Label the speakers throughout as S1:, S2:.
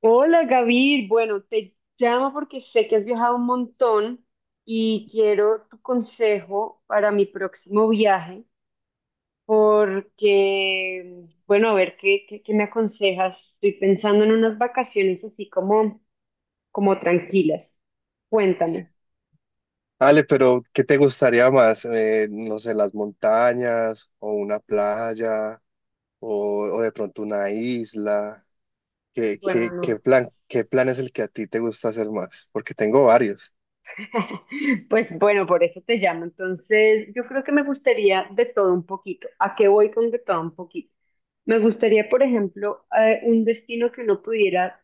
S1: Hola Gaby, bueno, te llamo porque sé que has viajado un montón y quiero tu consejo para mi próximo viaje, porque, bueno, a ver, ¿qué me aconsejas? Estoy pensando en unas vacaciones así como, como tranquilas. Cuéntame.
S2: Ale, pero ¿qué te gustaría más? No sé, las montañas o una playa o de pronto una isla. ¿Qué,
S1: Bueno,
S2: qué, qué
S1: no.
S2: plan, qué plan es el que a ti te gusta hacer más? Porque tengo varios.
S1: Pues bueno, por eso te llamo. Entonces, yo creo que me gustaría de todo un poquito. ¿A qué voy con de todo un poquito? Me gustaría, por ejemplo, un destino que uno pudiera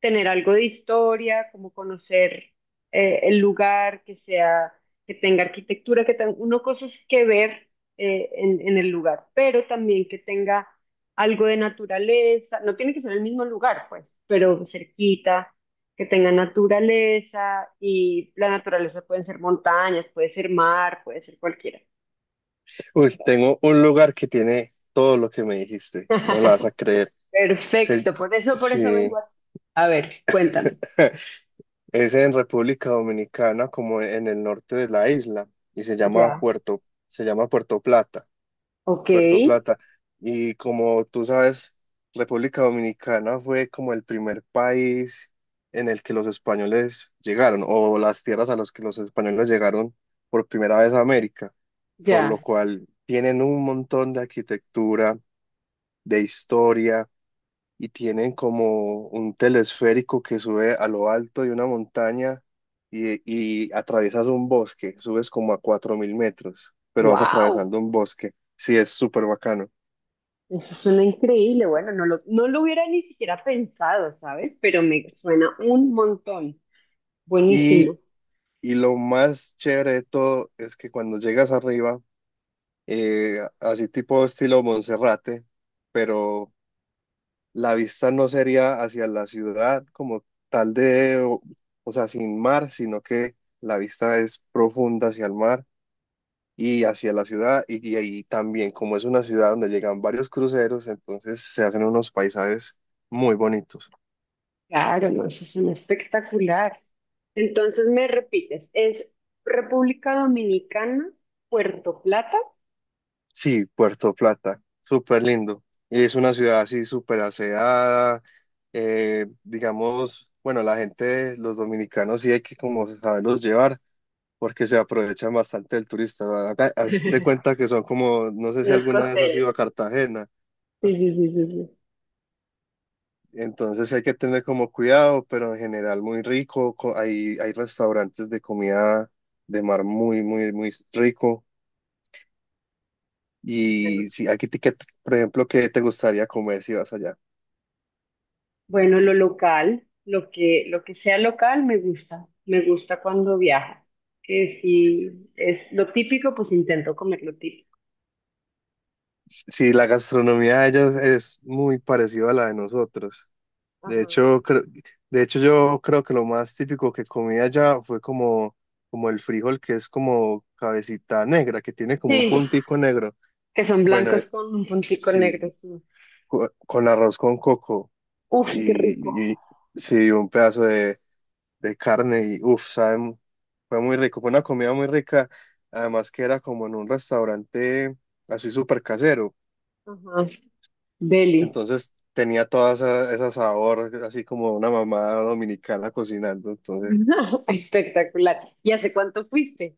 S1: tener algo de historia, como conocer el lugar, que sea, que tenga arquitectura, que tenga uno cosas que ver en el lugar, pero también que tenga algo de naturaleza, no tiene que ser el mismo lugar, pues, pero cerquita, que tenga naturaleza y la naturaleza pueden ser montañas, puede ser mar, puede ser cualquiera.
S2: Uy, tengo un lugar que tiene todo lo que me dijiste. No me la vas a creer. Se-
S1: Perfecto, por eso vengo
S2: sí,
S1: a... A ver, cuéntame.
S2: es en República Dominicana, como en el norte de la isla, y se llama
S1: Ya,
S2: Se llama Puerto Plata.
S1: ok,
S2: Puerto Plata. Y como tú sabes, República Dominicana fue como el primer país en el que los españoles llegaron, o las tierras a las que los españoles llegaron por primera vez a América, por
S1: ya.
S2: lo cual tienen un montón de arquitectura, de historia, y tienen como un telesférico que sube a lo alto de una montaña y, y atraviesas un bosque, subes como a 4.000 metros, pero vas
S1: Wow.
S2: atravesando un bosque. Sí, es súper bacano.
S1: Eso suena increíble. Bueno, no lo hubiera ni siquiera pensado, ¿sabes? Pero me suena un montón.
S2: Y,
S1: Buenísimo.
S2: y lo más chévere de todo es que cuando llegas arriba, así tipo estilo Monserrate, pero la vista no sería hacia la ciudad como tal de, o sea, sin mar, sino que la vista es profunda hacia el mar y hacia la ciudad. Y ahí también, como es una ciudad donde llegan varios cruceros, entonces se hacen unos paisajes muy bonitos.
S1: Claro, no, eso suena espectacular. Entonces me repites, es República Dominicana, Puerto Plata,
S2: Sí, Puerto Plata, súper lindo. Y es una ciudad así súper aseada, digamos, bueno, la gente, los dominicanos sí hay que como saberlos llevar porque se aprovechan bastante del turista. Haz de cuenta que son como, no sé si
S1: los
S2: alguna vez has
S1: costeles.
S2: ido a Cartagena,
S1: Sí, sí, sí, sí, sí.
S2: entonces hay que tener como cuidado, pero en general muy rico, hay, hay restaurantes de comida de mar muy, muy, muy rico.
S1: Bueno,
S2: Y si aquí, por ejemplo, ¿qué te gustaría comer si vas allá?
S1: bueno, lo local, lo que sea local me gusta. Me gusta cuando viajo. Que si es lo típico, pues intento comer lo típico.
S2: Sí, la gastronomía de ellos es muy parecida a la de nosotros. De
S1: Ajá.
S2: hecho, creo- de hecho yo creo que lo más típico que comí allá fue como, como el frijol, que es como cabecita negra, que tiene como un
S1: Sí,
S2: puntico negro.
S1: que son
S2: Bueno,
S1: blancos con un puntico negro.
S2: sí,
S1: Sí.
S2: con arroz con coco
S1: Uf, qué rico.
S2: y, y- sí, un pedazo de carne y uff, saben, fue muy rico, fue una comida muy rica, además que era como en un restaurante así súper casero.
S1: Ajá. Deli.
S2: Entonces tenía toda esa, esa sabor, así como una mamá dominicana cocinando. Entonces
S1: Espectacular. ¿Y hace cuánto fuiste?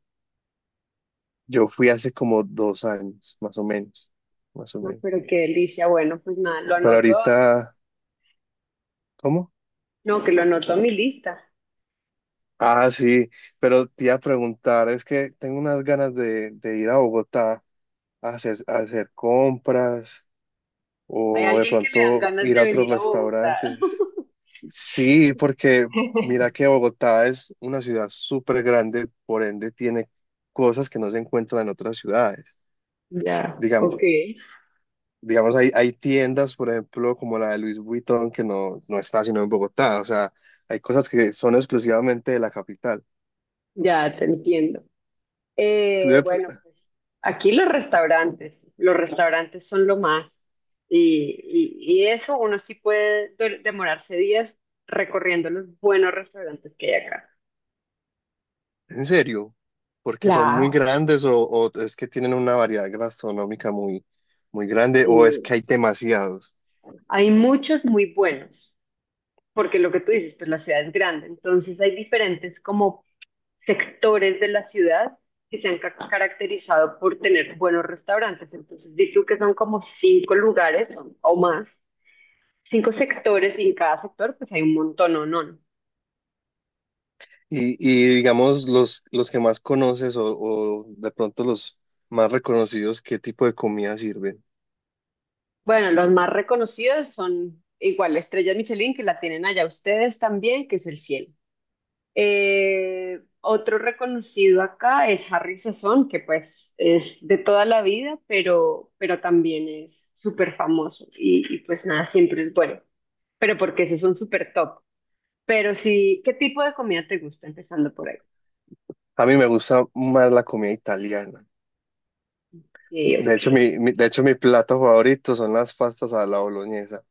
S2: yo fui hace como 2 años, más o menos, más o
S1: No, pero
S2: menos.
S1: qué delicia. Bueno, pues nada, lo
S2: Pero
S1: anoto.
S2: ahorita, ¿cómo?
S1: No, que lo anoto a mi lista.
S2: Ah, sí, pero te iba a preguntar, es que tengo unas ganas de ir a Bogotá a a hacer compras
S1: Hay
S2: o de
S1: alguien que le dan
S2: pronto
S1: ganas
S2: ir
S1: de
S2: a otros
S1: venir a Bogotá.
S2: restaurantes. Sí, porque mira que Bogotá es una ciudad súper grande, por ende tiene cosas que no se encuentran en otras ciudades.
S1: Ya, ok,
S2: Digamos, digamos hay, hay tiendas, por ejemplo, como la de Louis Vuitton, que no está sino en Bogotá. O sea, hay cosas que son exclusivamente de la capital.
S1: ya te entiendo.
S2: Tú de-
S1: Bueno, pues aquí los restaurantes son lo más. Y eso uno sí puede demorarse días recorriendo los buenos restaurantes que hay acá.
S2: ¿En serio? Porque son muy
S1: Claro.
S2: grandes o es que tienen una variedad gastronómica muy, muy grande o es
S1: Y
S2: que hay demasiados.
S1: hay muchos muy buenos, porque lo que tú dices, pues la ciudad es grande, entonces hay diferentes como sectores de la ciudad que se han caracterizado por tener buenos restaurantes. Entonces, di tú que son como cinco lugares o más cinco sectores y en cada sector pues hay un montón, ¿o no?
S2: Y digamos, los que más conoces o de pronto los más reconocidos, ¿qué tipo de comida sirven?
S1: Bueno, los más reconocidos son igual la estrella Michelin, que la tienen allá ustedes también, que es el cielo. Otro reconocido acá es Harry Sazón, que pues es de toda la vida, pero también es súper famoso y pues nada, siempre es bueno, pero porque esos son súper top. Pero sí, ¿qué tipo de comida te gusta empezando por ahí?
S2: A mí me gusta más la comida italiana. De hecho,
S1: Eh,
S2: de hecho, mi plato favorito son las pastas a la boloñesa.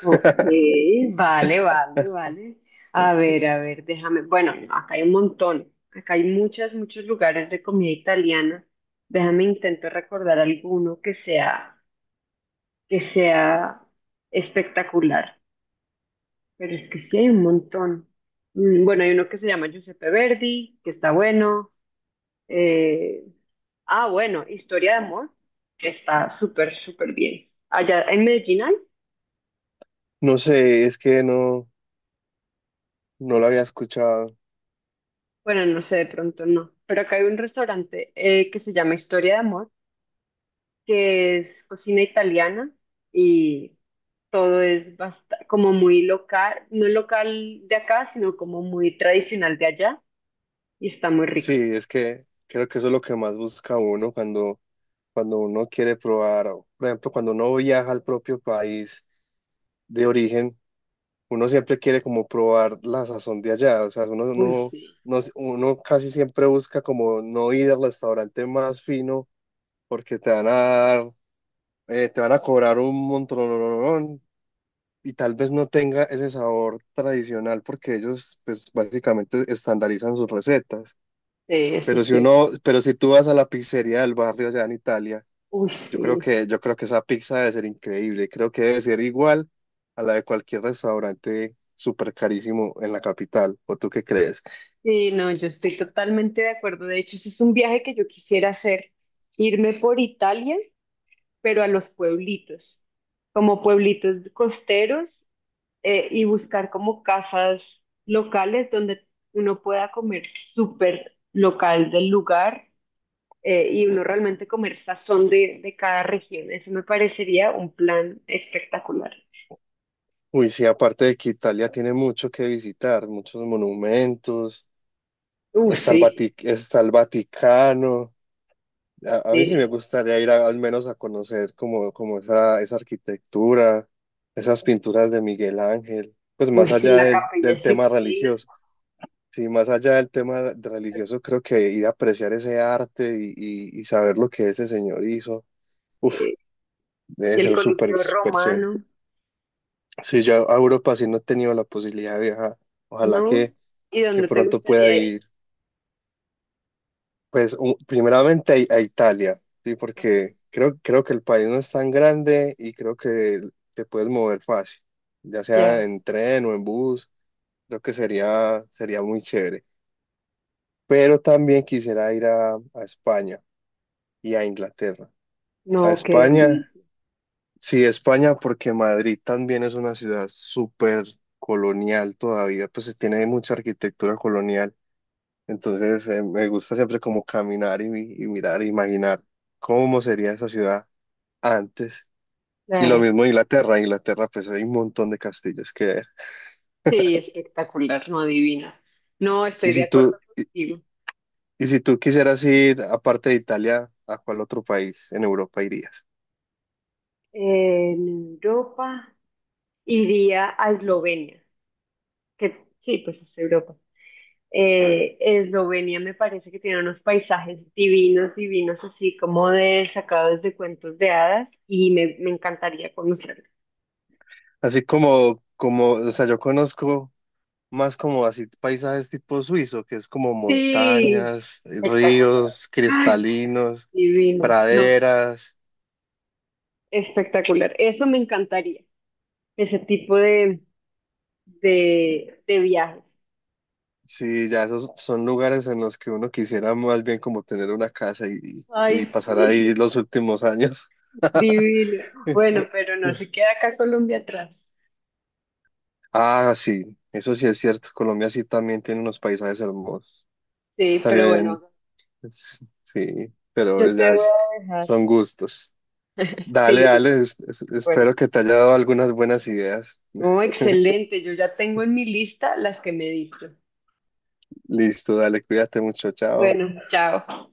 S1: Ok, vale. A ver, déjame. Bueno, no, acá hay un montón. Acá hay muchos, muchos lugares de comida italiana. Déjame intento recordar alguno que sea espectacular. Pero es que sí hay un montón. Bueno, hay uno que se llama Giuseppe Verdi, que está bueno. Eh, bueno, Historia de Amor, que está súper, súper bien. Allá en Medellín hay.
S2: No sé, es que no, no lo había escuchado.
S1: Bueno, no sé, de pronto no. Pero acá hay un restaurante que se llama Historia de Amor, que es cocina italiana y todo es como muy local, no local de acá, sino como muy tradicional de allá y está muy
S2: Sí,
S1: rico.
S2: es que creo que eso es lo que más busca uno cuando, cuando uno quiere probar, o, por ejemplo, cuando uno viaja al propio país de origen. Uno siempre quiere como probar la sazón de allá, o sea, uno
S1: Uy,
S2: no,
S1: sí.
S2: no- uno casi siempre busca como no ir al restaurante más fino porque te van a dar, te van a cobrar un montón y tal vez no tenga ese sabor tradicional porque ellos pues básicamente estandarizan sus recetas.
S1: Sí, eso sí.
S2: Pero si tú vas a la pizzería del barrio allá en Italia
S1: Uy, sí.
S2: yo creo que esa pizza debe ser increíble. Creo que debe ser igual a la de cualquier restaurante súper carísimo en la capital. ¿O tú qué crees?
S1: Sí, no, yo estoy totalmente de acuerdo. De hecho, ese es un viaje que yo quisiera hacer, irme por Italia, pero a los pueblitos, como pueblitos costeros y buscar como casas locales donde uno pueda comer súper local del lugar y uno realmente comer sazón de cada región. Eso me parecería un plan espectacular.
S2: Uy, sí, aparte de que Italia tiene mucho que visitar, muchos monumentos. Está el
S1: Sí,
S2: Está el Vaticano. A mí sí me
S1: sí.
S2: gustaría ir al menos a conocer como, como esa arquitectura, esas pinturas de Miguel Ángel. Pues
S1: Uy,
S2: más
S1: sí,
S2: allá
S1: la
S2: del,
S1: Capilla
S2: del tema
S1: Sixtina
S2: religioso. Sí, más allá del religioso, creo que ir a apreciar ese arte y saber lo que ese señor hizo, uf,
S1: eh,
S2: debe
S1: y el
S2: ser súper,
S1: Coliseo
S2: súper chévere.
S1: Romano,
S2: Sí, yo a Europa sí no he tenido la posibilidad de viajar. Ojalá
S1: ¿no?
S2: que,
S1: ¿Y
S2: que
S1: dónde te
S2: pronto pueda
S1: gustaría ir?
S2: ir, pues, primeramente a Italia, sí,
S1: Ajá.
S2: porque creo que el país no es tan grande y creo que te puedes mover fácil, ya sea
S1: Ya,
S2: en tren o en bus, creo que sería muy chévere. Pero también quisiera ir a España y a Inglaterra. A
S1: no, qué
S2: España,
S1: delicia.
S2: sí, España, porque Madrid también es una ciudad súper colonial todavía, pues se tiene mucha arquitectura colonial. Entonces, me gusta siempre como caminar y, mirar, e imaginar cómo sería esa ciudad antes. Y lo
S1: Claro.
S2: mismo Inglaterra, Inglaterra, pues hay un montón de castillos que ver.
S1: Sí, espectacular, no adivina. No, estoy
S2: Y
S1: de
S2: si
S1: acuerdo
S2: tú, y,
S1: contigo.
S2: y si tú quisieras ir, aparte de Italia, ¿a cuál otro país en Europa irías?
S1: En Europa iría a Eslovenia, que sí, pues es Europa. Eslovenia me parece que tiene unos paisajes divinos, divinos, así como de sacados de cuentos de hadas, y me encantaría conocerlo.
S2: Así como, como, o sea, yo conozco más como así paisajes tipo suizo, que es como
S1: Sí,
S2: montañas,
S1: espectacular.
S2: ríos
S1: Ay,
S2: cristalinos,
S1: divino. No,
S2: praderas.
S1: espectacular. Eso me encantaría, ese tipo de viajes.
S2: Sí, ya esos son lugares en los que uno quisiera más bien como tener una casa y,
S1: Ay,
S2: y pasar ahí
S1: sí,
S2: los últimos años.
S1: divino. Bueno, pero no se queda acá Colombia atrás.
S2: Ah, sí, eso sí es cierto. Colombia sí también tiene unos paisajes hermosos.
S1: Sí, pero
S2: También,
S1: bueno,
S2: sí,
S1: yo te voy a dejar.
S2: son gustos. Dale,
S1: Sí,
S2: dale,
S1: totalmente de acuerdo.
S2: espero que te haya dado algunas buenas ideas.
S1: No, excelente. Yo ya tengo en mi lista las que me diste.
S2: Listo, dale, cuídate mucho, chao.
S1: Bueno, chao.